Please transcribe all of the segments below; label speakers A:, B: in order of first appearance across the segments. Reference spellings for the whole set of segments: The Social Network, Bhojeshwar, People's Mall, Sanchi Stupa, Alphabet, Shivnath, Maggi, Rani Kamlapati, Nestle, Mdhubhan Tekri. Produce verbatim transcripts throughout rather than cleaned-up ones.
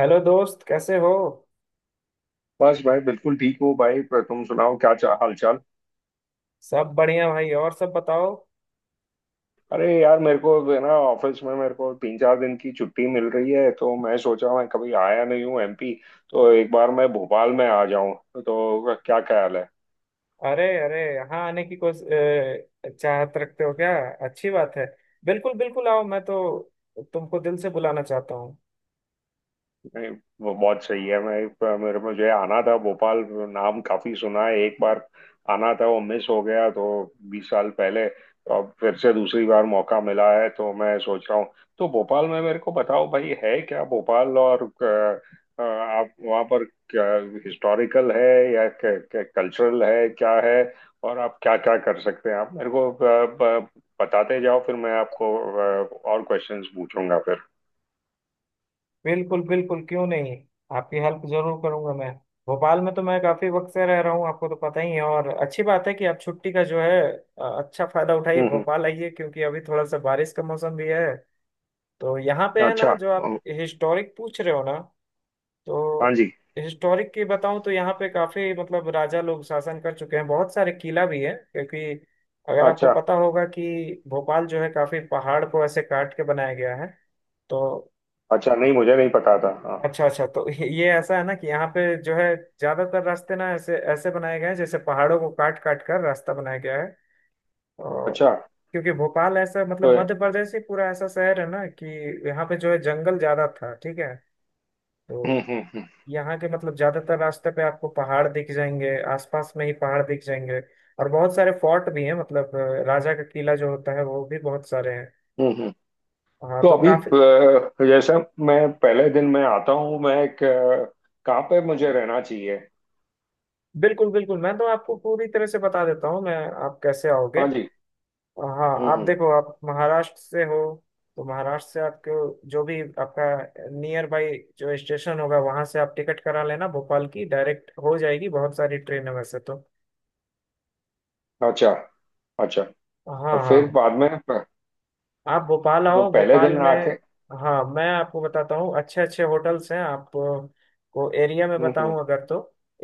A: Hello दोस्त कैसे हो।
B: बस भाई, बिल्कुल ठीक हो भाई। पर तुम सुनाओ, क्या चा, हाल चाल।
A: सब बढ़िया भाई और सब बताओ।
B: अरे यार, मेरे को जो है ना ऑफिस में मेरे को तीन चार दिन की छुट्टी मिल रही है, तो मैं सोचा मैं कभी आया नहीं हूँ एम पी, तो एक बार मैं भोपाल में आ जाऊँ। तो क्या ख्याल है?
A: अरे अरे यहाँ आने की कोस अ, चाहत रखते हो क्या। अच्छी बात है। बिल्कुल बिल्कुल आओ मैं तो तुमको दिल से बुलाना चाहता हूँ।
B: नहीं, वो बहुत सही है। मैं पर मेरे मुझे आना था भोपाल। नाम काफी सुना है, एक बार आना था, वो मिस हो गया, तो बीस साल पहले। तो अब फिर से दूसरी बार मौका मिला है, तो मैं सोच रहा हूँ। तो भोपाल में मेरे को बताओ भाई, है क्या भोपाल, और अ, अ, आप वहाँ पर क्या हिस्टोरिकल है या कल्चरल है क्या है? और आप क्या क्या कर सकते हैं, आप मेरे को अ, ब- बताते जाओ, फिर मैं आपको अ, और क्वेश्चंस पूछूंगा फिर।
A: बिल्कुल बिल्कुल क्यों नहीं। आपकी हेल्प जरूर करूंगा मैं। भोपाल में तो मैं काफी वक्त से रह रहा हूँ आपको तो पता ही है और अच्छी बात है कि आप छुट्टी का जो है अ, अच्छा फायदा उठाइए
B: हम्म।
A: भोपाल आइए क्योंकि अभी थोड़ा सा बारिश का मौसम भी है। तो यहाँ पे
B: हम्म,
A: है ना
B: अच्छा।
A: जो आप हिस्टोरिक पूछ रहे हो ना।
B: हाँ
A: तो
B: जी।
A: हिस्टोरिक की बताऊं तो यहाँ पे काफी मतलब राजा लोग शासन कर चुके हैं बहुत सारे किला भी है क्योंकि अगर आपको
B: अच्छा।
A: पता होगा कि भोपाल जो है काफी पहाड़ को ऐसे काट के बनाया गया है। तो
B: अच्छा, नहीं मुझे नहीं पता था, हाँ।
A: अच्छा अच्छा तो ये ऐसा है ना कि यहाँ पे जो है ज्यादातर रास्ते ना ऐसे ऐसे बनाए गए हैं जैसे पहाड़ों को काट काट कर रास्ता बनाया गया है। और
B: अच्छा।
A: क्योंकि भोपाल ऐसा
B: तो
A: मतलब मध्य प्रदेश ही पूरा ऐसा शहर है ना कि यहाँ पे जो है जंगल ज्यादा था ठीक है।
B: हम्म।
A: तो
B: हम्म। हम्म।
A: यहाँ के मतलब ज्यादातर रास्ते पे आपको पहाड़ दिख जाएंगे आसपास में ही पहाड़ दिख जाएंगे। और बहुत सारे फोर्ट भी हैं मतलब अ, राजा का किला जो होता है वो भी बहुत सारे हैं।
B: हम्म। हम्म।
A: हाँ
B: तो
A: तो
B: अभी
A: काफी।
B: अ, जैसे मैं पहले दिन में आता हूँ, मैं एक अ, कहाँ पे मुझे रहना चाहिए?
A: बिल्कुल बिल्कुल मैं तो आपको पूरी तरह से बता देता हूँ मैं। आप कैसे आओगे।
B: हाँ जी।
A: हाँ
B: हम्म।
A: आप
B: हम्म,
A: देखो आप महाराष्ट्र से हो। तो महाराष्ट्र से आपको जो भी आपका नियर बाई जो स्टेशन होगा वहां से आप टिकट करा लेना भोपाल की डायरेक्ट हो जाएगी बहुत सारी ट्रेन है वैसे तो।
B: अच्छा। अच्छा।
A: हाँ
B: और फिर
A: हाँ।
B: बाद में प-
A: आप भोपाल
B: तो
A: आओ
B: पहले
A: भोपाल
B: दिन आके
A: में। हाँ मैं आपको बताता हूँ अच्छे अच्छे होटल्स हैं आप अ, को एरिया में
B: हम्म। हम्म।
A: बताऊँ अगर तो।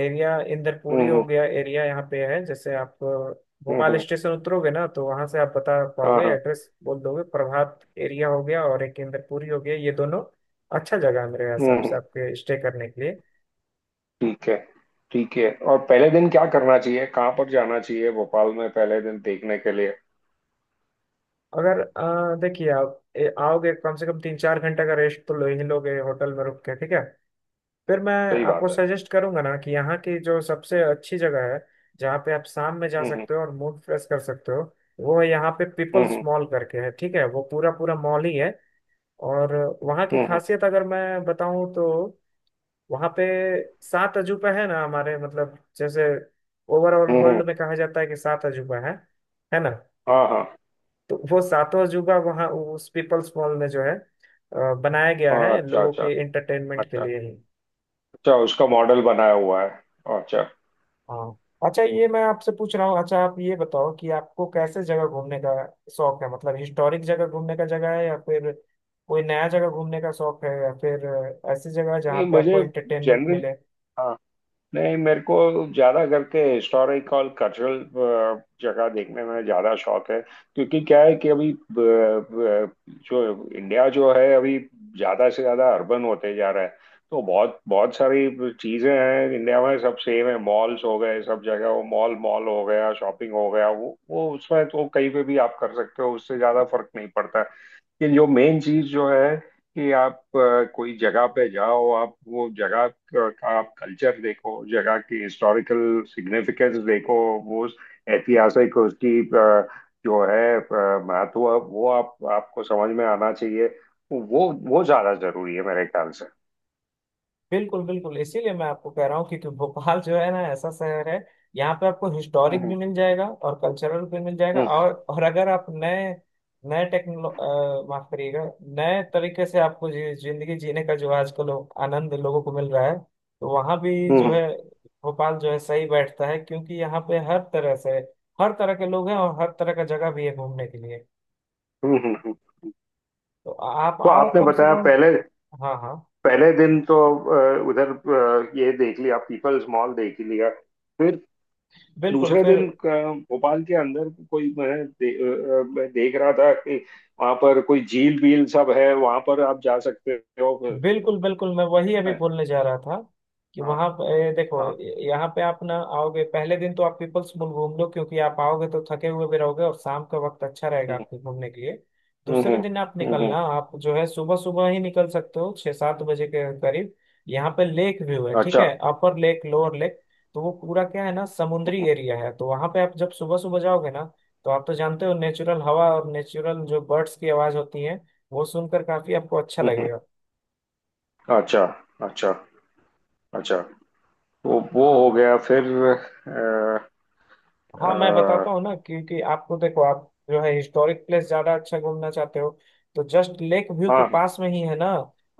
A: एरिया इंदरपुरी हो
B: हम्म।
A: गया एरिया यहाँ पे है जैसे आप अ,
B: हम्म, हम्म,
A: भोपाल
B: हम्म,
A: स्टेशन उतरोगे ना तो वहाँ से आप बता
B: हाँ
A: पाओगे
B: हाँ।
A: एड्रेस बोल दोगे प्रभात एरिया हो गया और एक इंदरपुरी हो गया ये दोनों अच्छा जगह है मेरे
B: हम्म
A: हिसाब से
B: हम्म,
A: आपके स्टे करने के लिए।
B: ठीक है, ठीक है। और पहले दिन क्या करना चाहिए, कहाँ पर जाना चाहिए भोपाल में पहले दिन देखने के लिए?
A: अगर अ, देखिए आप ए, आओगे कम से कम तीन चार घंटे का रेस्ट तो लो ही लोगे होटल में रुक के ठीक है। फिर मैं
B: सही
A: आपको
B: बात है।
A: सजेस्ट करूंगा ना कि यहाँ की जो सबसे अच्छी जगह है जहाँ पे आप शाम में जा
B: हम्म।
A: सकते हो और मूड फ्रेश कर सकते हो। वो है यहाँ पे
B: हम्म। हम्म।
A: पीपल्स मॉल करके है ठीक है वो पूरा पूरा मॉल ही है। और वहाँ की
B: हम्म। हम्म।
A: खासियत अगर मैं बताऊँ तो वहाँ पे सात अजूबा है ना हमारे मतलब जैसे ओवरऑल
B: हम्म,
A: वर्ल्ड
B: हम्म,
A: में कहा जाता है कि सात अजूबा है है ना।
B: हाँ हाँ।
A: तो वो सातों अजूबा वहाँ उस पीपल्स मॉल में जो है अ, बनाया गया
B: हाँ,
A: है
B: अच्छा।
A: लोगों
B: अच्छा।
A: के एंटरटेनमेंट के
B: अच्छा।
A: लिए ही।
B: अच्छा, उसका मॉडल बनाया हुआ है? हाँ, अच्छा।
A: हाँ अच्छा ये मैं आपसे पूछ रहा हूँ अच्छा आप ये बताओ कि आपको कैसे जगह घूमने का शौक है मतलब हिस्टोरिक जगह घूमने का जगह है या फिर कोई नया जगह घूमने का शौक है या फिर ऐसी जगह जहाँ
B: नहीं
A: पे आपको
B: मुझे,
A: एंटरटेनमेंट
B: जनरल।
A: मिले।
B: हाँ। नहीं, मेरे को ज्यादा करके हिस्टोरिकल, कल्चरल जगह देखने में ज्यादा शौक है। क्योंकि क्या है कि अभी ब- ब- जो इंडिया जो है, अभी ज्यादा से ज्यादा अर्बन होते जा रहा है। तो बहुत बहुत सारी चीजें हैं, इंडिया में सब सेम है, मॉल्स हो गए सब जगह, वो मॉल मॉल हो गया, शॉपिंग हो गया। वो वो उसमें तो कहीं पे भी आप कर सकते हो, उससे ज्यादा फर्क नहीं पड़ता। कि जो मेन चीज जो है कि आप अ, कोई जगह पे जाओ, आप वो जगह का का आप कल्चर देखो, जगह की हिस्टोरिकल सिग्निफिकेंस देखो। वो ऐतिहासिक, उसकी अ, जो है अ, महत्व, वो आप आपको समझ में आना चाहिए। वो वो ज्यादा जरूरी है मेरे ख्याल से।
A: बिल्कुल बिल्कुल इसीलिए मैं आपको कह रहा हूँ क्योंकि भोपाल जो है ना ऐसा शहर है यहाँ पे आपको हिस्टोरिक भी
B: हम्म।
A: मिल जाएगा और कल्चरल भी मिल जाएगा
B: हम्म।
A: और और अगर आप नए नए टेक्नोलो अ, माफ करिएगा। नए तरीके से आपको जी, जिंदगी जीने का जो आजकल लो, आनंद लोगों को मिल रहा है तो वहाँ भी जो
B: हम्म।
A: है भोपाल जो है सही बैठता है क्योंकि यहाँ पे हर तरह से हर तरह के लोग हैं और हर तरह का जगह भी है घूमने के लिए।
B: हम्म। हम्म, हम्म।
A: तो आप
B: तो
A: आओ
B: आपने
A: कम से
B: बताया,
A: कम।
B: पहले
A: हाँ हाँ
B: पहले दिन तो अ, उधर अ, ये देख लिया, पीपल्स मॉल देख लिया, फिर
A: बिल्कुल
B: दूसरे
A: फिर
B: दिन क- भोपाल के अंदर कोई, मैं दे, अ, मैं देख रहा था कि वहां पर कोई झील बील सब है, वहां पर आप जा सकते हो मैं-
A: बिल्कुल बिल्कुल मैं वही अभी बोलने जा रहा था कि
B: हाँ
A: वहां पे देखो।
B: हाँ।
A: यहाँ पे आप ना आओगे पहले दिन तो आप पीपल्स मॉल घूम लो क्योंकि आप आओगे तो थके हुए भी रहोगे और शाम का वक्त अच्छा रहेगा
B: हम्म।
A: आपके घूमने के लिए।
B: हम्म।
A: दूसरे
B: हम्म।
A: दिन आप
B: हम्म, हम्म,
A: निकलना आप जो है सुबह सुबह ही निकल सकते हो छः सात बजे के करीब। यहाँ पे लेक व्यू है ठीक
B: अच्छा।
A: है अपर लेक लोअर लेक। तो वो पूरा क्या है ना
B: हम्म।
A: समुद्री
B: हम्म,
A: एरिया है तो वहां पे आप जब सुबह सुबह जाओगे ना तो आप तो जानते हो नेचुरल हवा और नेचुरल जो बर्ड्स की आवाज होती है वो सुनकर काफी आपको अच्छा
B: हम्म, हम्म,
A: लगेगा।
B: अच्छा। अच्छा। अच्छा। तो वो हो गया, फिर
A: हाँ मैं बताता
B: आ,
A: हूँ ना क्योंकि आपको देखो आप जो है हिस्टोरिक प्लेस ज्यादा अच्छा घूमना चाहते हो तो जस्ट लेक व्यू के
B: हाँ।
A: पास में ही है ना।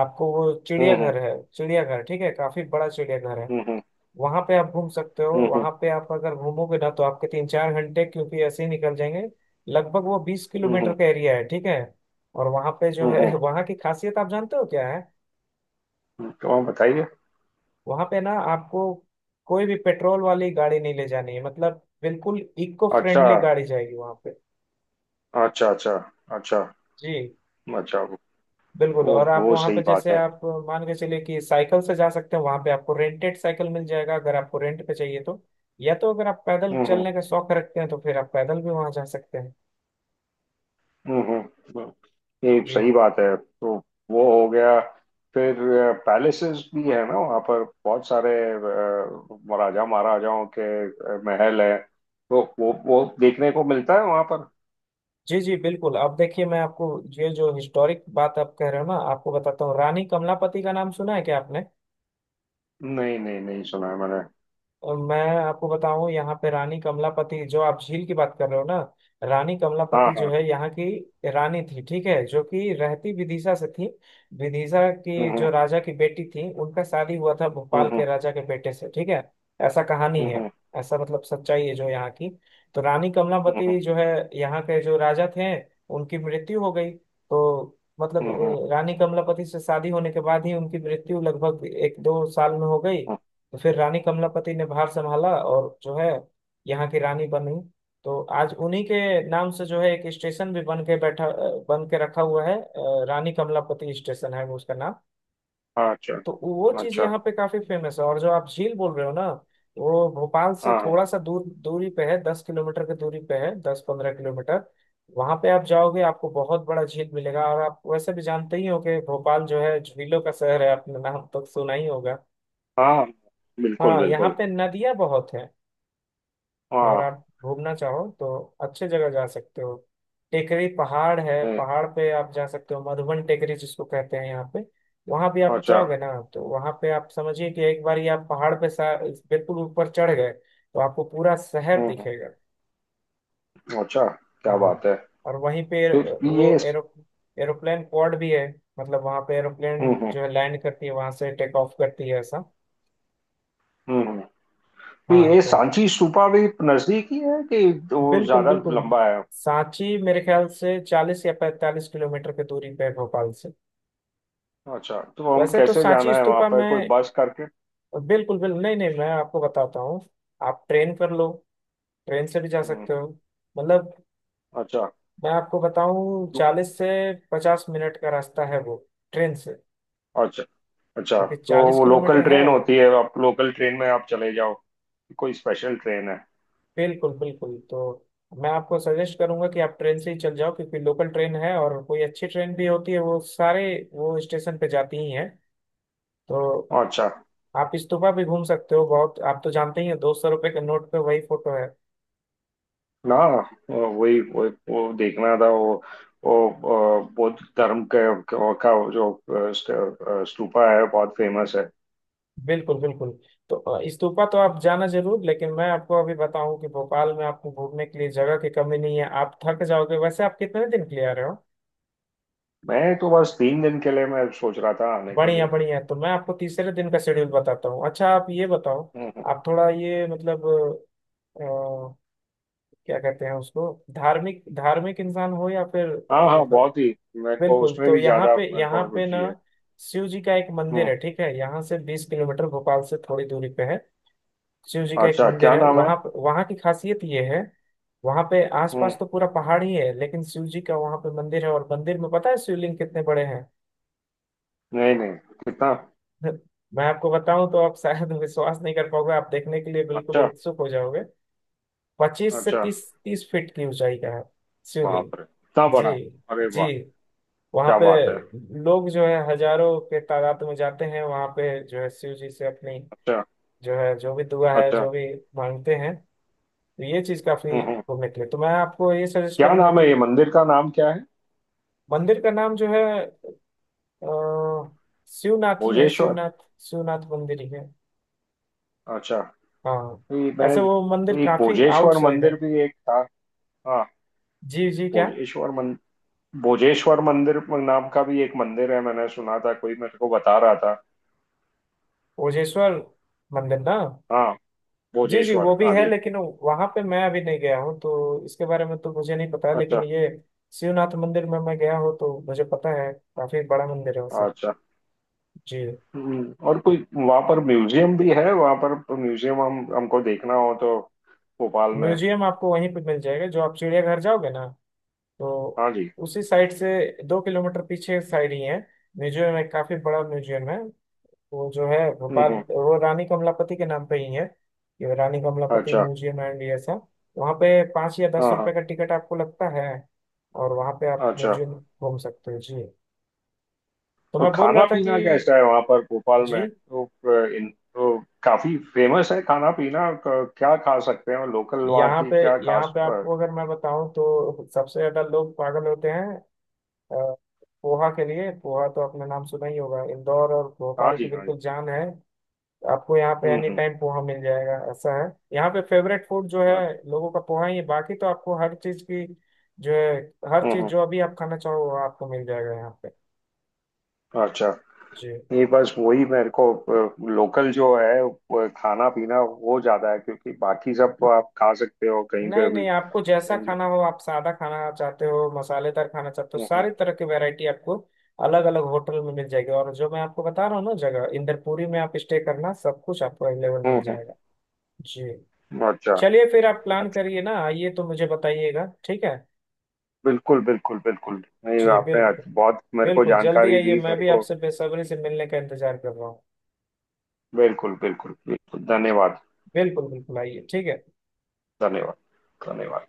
A: आपको वो
B: हम्म। हम्म।
A: चिड़ियाघर है चिड़ियाघर ठीक है काफी बड़ा चिड़ियाघर है
B: हम्म।
A: वहां पे आप घूम सकते हो
B: हम्म। हम्म। हम्म।
A: वहां पे आप अगर घूमोगे ना तो आपके तीन चार घंटे क्योंकि ऐसे ही निकल जाएंगे। लगभग वो बीस किलोमीटर
B: हम्म,
A: का एरिया है ठीक है। और वहां पे जो
B: हम्म, हम्म,
A: है वहां की खासियत आप जानते हो क्या है।
B: हम्म, तो आप बताइए।
A: वहां पे ना आपको कोई भी पेट्रोल वाली गाड़ी नहीं ले जानी है मतलब बिल्कुल इको
B: अच्छा।
A: फ्रेंडली गाड़ी जाएगी वहां पे।
B: अच्छा। अच्छा। अच्छा।
A: जी
B: अच्छा।
A: बिल्कुल
B: वो
A: और आप
B: वो
A: वहां
B: सही
A: पे
B: बात
A: जैसे
B: है।
A: आप मान के चलिए कि साइकिल से जा सकते हैं वहां पे आपको रेंटेड साइकिल मिल जाएगा अगर आपको रेंट पे चाहिए तो या तो अगर आप पैदल
B: हम्म। हम्म,
A: चलने का शौक रखते हैं तो फिर आप पैदल भी वहां जा सकते हैं।
B: हम्म। हम्म, ये
A: जी
B: सही बात है। तो वो हो गया, फिर पैलेसेस भी है ना वहाँ पर, बहुत सारे अ, राजा महाराजाओं के अ, महल है। तो वो वो देखने को मिलता है वहाँ पर?
A: जी। जी बिल्कुल अब देखिए मैं आपको ये जो हिस्टोरिक बात आप कह रहे हो ना आपको बताता हूँ रानी कमलापति का नाम सुना है क्या आपने।
B: नहीं नहीं, नहीं सुना है मैंने।
A: और मैं आपको बताऊं यहाँ पे रानी कमलापति जो आप झील की बात कर रहे हो ना रानी
B: हाँ
A: कमलापति जो
B: हाँ।
A: है यहाँ की रानी थी ठीक है जो कि रहती विदिशा से थी। विदिशा की
B: हम्म।
A: जो राजा की बेटी थी उनका शादी हुआ था
B: हम्म।
A: भोपाल के
B: हम्म।
A: राजा के बेटे से ठीक है। ऐसा कहानी है
B: हम्म।
A: ऐसा मतलब सच्चाई है जो यहाँ की। तो रानी
B: हम्म।
A: कमलापति
B: हम्म।
A: जो है यहाँ के जो राजा थे उनकी मृत्यु हो गई तो मतलब
B: हम्म। हम्म,
A: अ, रानी कमलापति से शादी होने के बाद ही उनकी मृत्यु लगभग एक दो साल में हो गई।
B: हम्म,
A: तो फिर रानी कमलापति ने भार संभाला और जो है यहाँ की रानी बनी। तो आज उन्हीं के नाम से जो है एक स्टेशन भी बन के बैठा अ, बन के रखा हुआ है अ, रानी कमलापति स्टेशन है उसका नाम।
B: हाँ, अच्छा।
A: तो वो चीज
B: अच्छा।
A: यहाँ पे काफी फेमस है और जो आप झील बोल रहे हो ना वो भोपाल से
B: हाँ हाँ।
A: थोड़ा सा दूर दूरी पे है दस किलोमीटर की दूरी पे है दस पंद्रह किलोमीटर। वहां पे आप जाओगे आपको बहुत बड़ा झील मिलेगा और आप वैसे भी जानते ही हो कि भोपाल जो है झीलों का शहर है आपने नाम तो सुना ही होगा।
B: हाँ, हाँ। बिल्कुल
A: हाँ यहाँ
B: बिल्कुल।
A: पे नदियां बहुत हैं। अगर
B: हाँ।
A: आप घूमना चाहो तो अच्छे जगह जा सकते हो। टेकरी पहाड़ है
B: नहीं,
A: पहाड़ पे आप जा सकते हो मधुबन टेकरी जिसको कहते हैं यहाँ पे वहां भी आप
B: अच्छा।
A: जाओगे ना तो वहां पे आप समझिए कि एक बार ही आप पहाड़ पे सा- बिल्कुल ऊपर चढ़ गए तो आपको पूरा शहर
B: हम्म। हम्म,
A: दिखेगा।
B: अच्छा, क्या
A: हाँ
B: बात है?
A: और वहीं पे
B: फिर
A: अ,
B: ये
A: वो एरो एरोप्लेन पॉड भी है मतलब वहां पे एरोप्लेन
B: हम्म। हम्म।
A: जो है लैंड करती है वहां से टेक ऑफ करती है ऐसा।
B: हम्म। तो
A: हाँ
B: ये
A: तो
B: सांची स्तूपा भी नजदीक ही है कि वो
A: बिल्कुल
B: ज्यादा
A: बिल्कुल
B: लंबा है?
A: सांची मेरे ख्याल से चालीस या पैंतालीस किलोमीटर की दूरी पे है भोपाल से।
B: अच्छा, तो हम
A: वैसे तो
B: कैसे
A: सांची
B: जाना है वहां
A: स्तूपा
B: पर, कोई
A: में
B: बस करके?
A: बिल्कुल बिल्कुल नहीं नहीं मैं आपको बताता हूँ आप ट्रेन कर लो ट्रेन से भी जा
B: हम्म,
A: सकते हो मतलब
B: अच्छा।
A: मैं आपको बताऊँ
B: तो-
A: चालीस से पचास मिनट का रास्ता है वो ट्रेन से
B: अच्छा अच्छा,
A: क्योंकि
B: तो
A: चालीस
B: वो
A: किलोमीटर
B: लोकल
A: है
B: ट्रेन
A: और
B: होती है? आप लोकल ट्रेन में आप चले जाओ? कोई स्पेशल ट्रेन है?
A: बिल्कुल बिल्कुल तो मैं आपको सजेस्ट करूंगा कि आप ट्रेन से ही चल जाओ क्योंकि लोकल ट्रेन है और कोई अच्छी ट्रेन भी होती है वो सारे वो स्टेशन पे जाती ही है। तो
B: अच्छा।
A: आप इस्तूफा भी घूम सकते हो बहुत आप तो जानते ही हैं दो सौ रुपए के नोट पे वही फोटो है।
B: ना, वही वही वो देखना था, वो वो अ, बौद्ध धर्म के, का, जो अ, स्ट- अ, स्तूपा है, बहुत फेमस है।
A: बिल्कुल बिल्कुल तो अ, इस्तूफा तो आप जाना जरूर लेकिन मैं आपको अभी बताऊं कि भोपाल में आपको घूमने के लिए जगह की कमी नहीं है आप थक जाओगे वैसे आप कितने दिन के लिए आ रहे हो।
B: मैं तो बस तीन दिन के लिए मैं सोच रहा था आने के
A: बढ़िया
B: लिए।
A: बढ़िया तो मैं आपको तीसरे दिन का शेड्यूल बताता हूँ अच्छा आप ये बताओ
B: हम्म,
A: आप थोड़ा ये मतलब अ, क्या कहते हैं उसको धार्मिक धार्मिक इंसान हो या फिर
B: हाँ
A: अ,
B: हाँ,
A: मतलब।
B: बहुत ही मेरे को
A: बिल्कुल
B: उसमें
A: तो
B: भी
A: यहाँ
B: ज्यादा
A: पे
B: मेरे
A: यहाँ
B: को
A: पे ना
B: रुचि है।
A: शिव जी का एक मंदिर
B: हम्म।
A: है ठीक है यहाँ से बीस किलोमीटर भोपाल से थोड़ी दूरी पे है। शिव जी का एक
B: अच्छा,
A: मंदिर
B: क्या
A: है
B: नाम है?
A: वहाँ पे- वहाँ की खासियत ये है वहाँ पे आसपास
B: हम्म।
A: तो पूरा पहाड़ ही है लेकिन शिव जी का वहाँ पे मंदिर है और मंदिर में पता है शिवलिंग कितने बड़े हैं।
B: नहीं नहीं, कितना?
A: मैं आपको बताऊं तो आप शायद विश्वास नहीं कर पाओगे आप देखने के लिए बिल्कुल
B: अच्छा।
A: उत्सुक हो जाओगे। पच्चीस से
B: अच्छा,
A: तीस तीस फीट की ऊंचाई का है शिवलिंग।
B: बाप रे कितना बड़ा।
A: जी
B: अरे
A: जी
B: वाह,
A: वहाँ
B: क्या
A: पे
B: बात है।
A: लोग जो है हजारों के तादाद में जाते हैं वहाँ पे जो है शिव जी से अपनी
B: अच्छा।
A: जो है जो भी दुआ है
B: अच्छा।
A: जो भी मांगते हैं। तो ये चीज
B: हम्म।
A: काफी
B: हम्म,
A: घूमने के लिए तो मैं आपको ये सजेस्ट
B: क्या
A: करूंगा
B: नाम
A: कि
B: है? ये मंदिर का नाम क्या है?
A: मंदिर का नाम जो है अ, शिवनाथ ही है
B: भोजेश्वर।
A: शिवनाथ शिवनाथ मंदिर ही है।
B: अच्छा,
A: हाँ
B: ये
A: ऐसे वो मंदिर
B: मैं एक
A: काफी
B: भोजेश्वर
A: आउटसाइड है।
B: मंदिर भी एक था, हाँ।
A: जी जी क्या
B: भोजेश्वर मन, भोजेश्वर मंदिर नाम का भी एक मंदिर है, मैंने सुना था, कोई मेरे को बता रहा था।
A: ओजेश्वर मंदिर ना।
B: हाँ,
A: जी जी वो
B: भोजेश्वर,
A: भी
B: हाँ
A: है
B: जी।
A: लेकिन वहां पे मैं अभी नहीं गया हूँ तो इसके बारे में तो मुझे नहीं पता
B: अच्छा।
A: लेकिन ये शिवनाथ मंदिर में मैं गया हूँ तो मुझे पता है काफी बड़ा मंदिर है सर।
B: अच्छा।
A: जी
B: हम्म, और कोई वहां पर म्यूजियम भी है वहां पर? म्यूजियम हम हमको देखना हो तो, भोपाल में?
A: म्यूजियम आपको वहीं पे मिल जाएगा जो आप चिड़ियाघर जाओगे ना तो
B: हाँ जी।
A: उसी साइड से दो किलोमीटर पीछे साइड ही है। म्यूजियम है काफी बड़ा म्यूजियम है वो जो है
B: हम्म।
A: भोपाल
B: हम्म,
A: वो रानी कमलापति के नाम पे ही है। ये रानी कमलापति
B: अच्छा।
A: म्यूजियम एंड ये सब वहाँ पे पाँच या दस
B: हाँ हाँ।
A: रुपए का टिकट आपको लगता है। और वहाँ पे आप
B: अच्छा।
A: म्यूजियम घूम सकते हो जी। तो मैं
B: और
A: बोल रहा
B: खाना
A: था कि
B: पीना कैसा है वहां पर भोपाल
A: जी
B: में? तो अ, इन तो काफी फेमस है, खाना पीना क- क्या खा सकते हैं लोकल वहाँ
A: यहाँ
B: की,
A: पे
B: क्या
A: यहाँ
B: खास
A: पे
B: अ,
A: आपको अगर मैं बताऊँ तो सबसे ज्यादा लोग पागल होते हैं अ, पोहा के लिए पोहा तो आपने नाम सुना ही होगा इंदौर और
B: हाँ
A: भोपाल की
B: जी, हाँ जी।
A: बिल्कुल जान है। आपको यहाँ पे
B: हम्म।
A: एनी
B: हम्म,
A: टाइम पोहा मिल जाएगा ऐसा है। यहाँ पे फेवरेट फूड जो है
B: अच्छा।
A: लोगों का पोहा ही है बाकी तो आपको हर चीज की जो है हर
B: हम्म।
A: चीज
B: हम्म,
A: जो अभी आप खाना चाहो वो आपको मिल जाएगा यहाँ पे।
B: अच्छा।
A: जी
B: नहीं बस वही मेरे को लोकल जो है वो खाना पीना, वो ज्यादा है, क्योंकि बाकी सब आप खा सकते हो कहीं
A: नहीं
B: पे भी।
A: नहीं आपको जैसा
B: डेंगू।
A: खाना हो आप सादा खाना चाहते हो मसालेदार खाना चाहते हो
B: हम्म। हम्म।
A: सारी तरह की वैरायटी आपको अलग अलग होटल में मिल जाएगी और जो मैं आपको बता रहा हूँ ना जगह इंदरपुरी में आप स्टे करना सब कुछ आपको अवेलेबल मिल
B: हम्म,
A: जाएगा। जी
B: हम्म, अच्छा।
A: चलिए फिर आप प्लान
B: अच्छा।
A: करिए ना आइए तो मुझे बताइएगा ठीक है।
B: बिल्कुल बिल्कुल बिल्कुल। नहीं,
A: जी
B: आपने आज
A: बिल्कुल
B: बहुत मेरे को
A: बिल्कुल जल्दी
B: जानकारी
A: आइए
B: दी
A: मैं
B: मेरे
A: भी
B: को।
A: आपसे बेसब्री से मिलने का इंतजार कर रहा हूँ।
B: बिल्कुल बिल्कुल बिल्कुल, धन्यवाद।
A: बिल्कुल बिल्कुल आइए ठीक है।
B: धन्यवाद। धन्यवाद।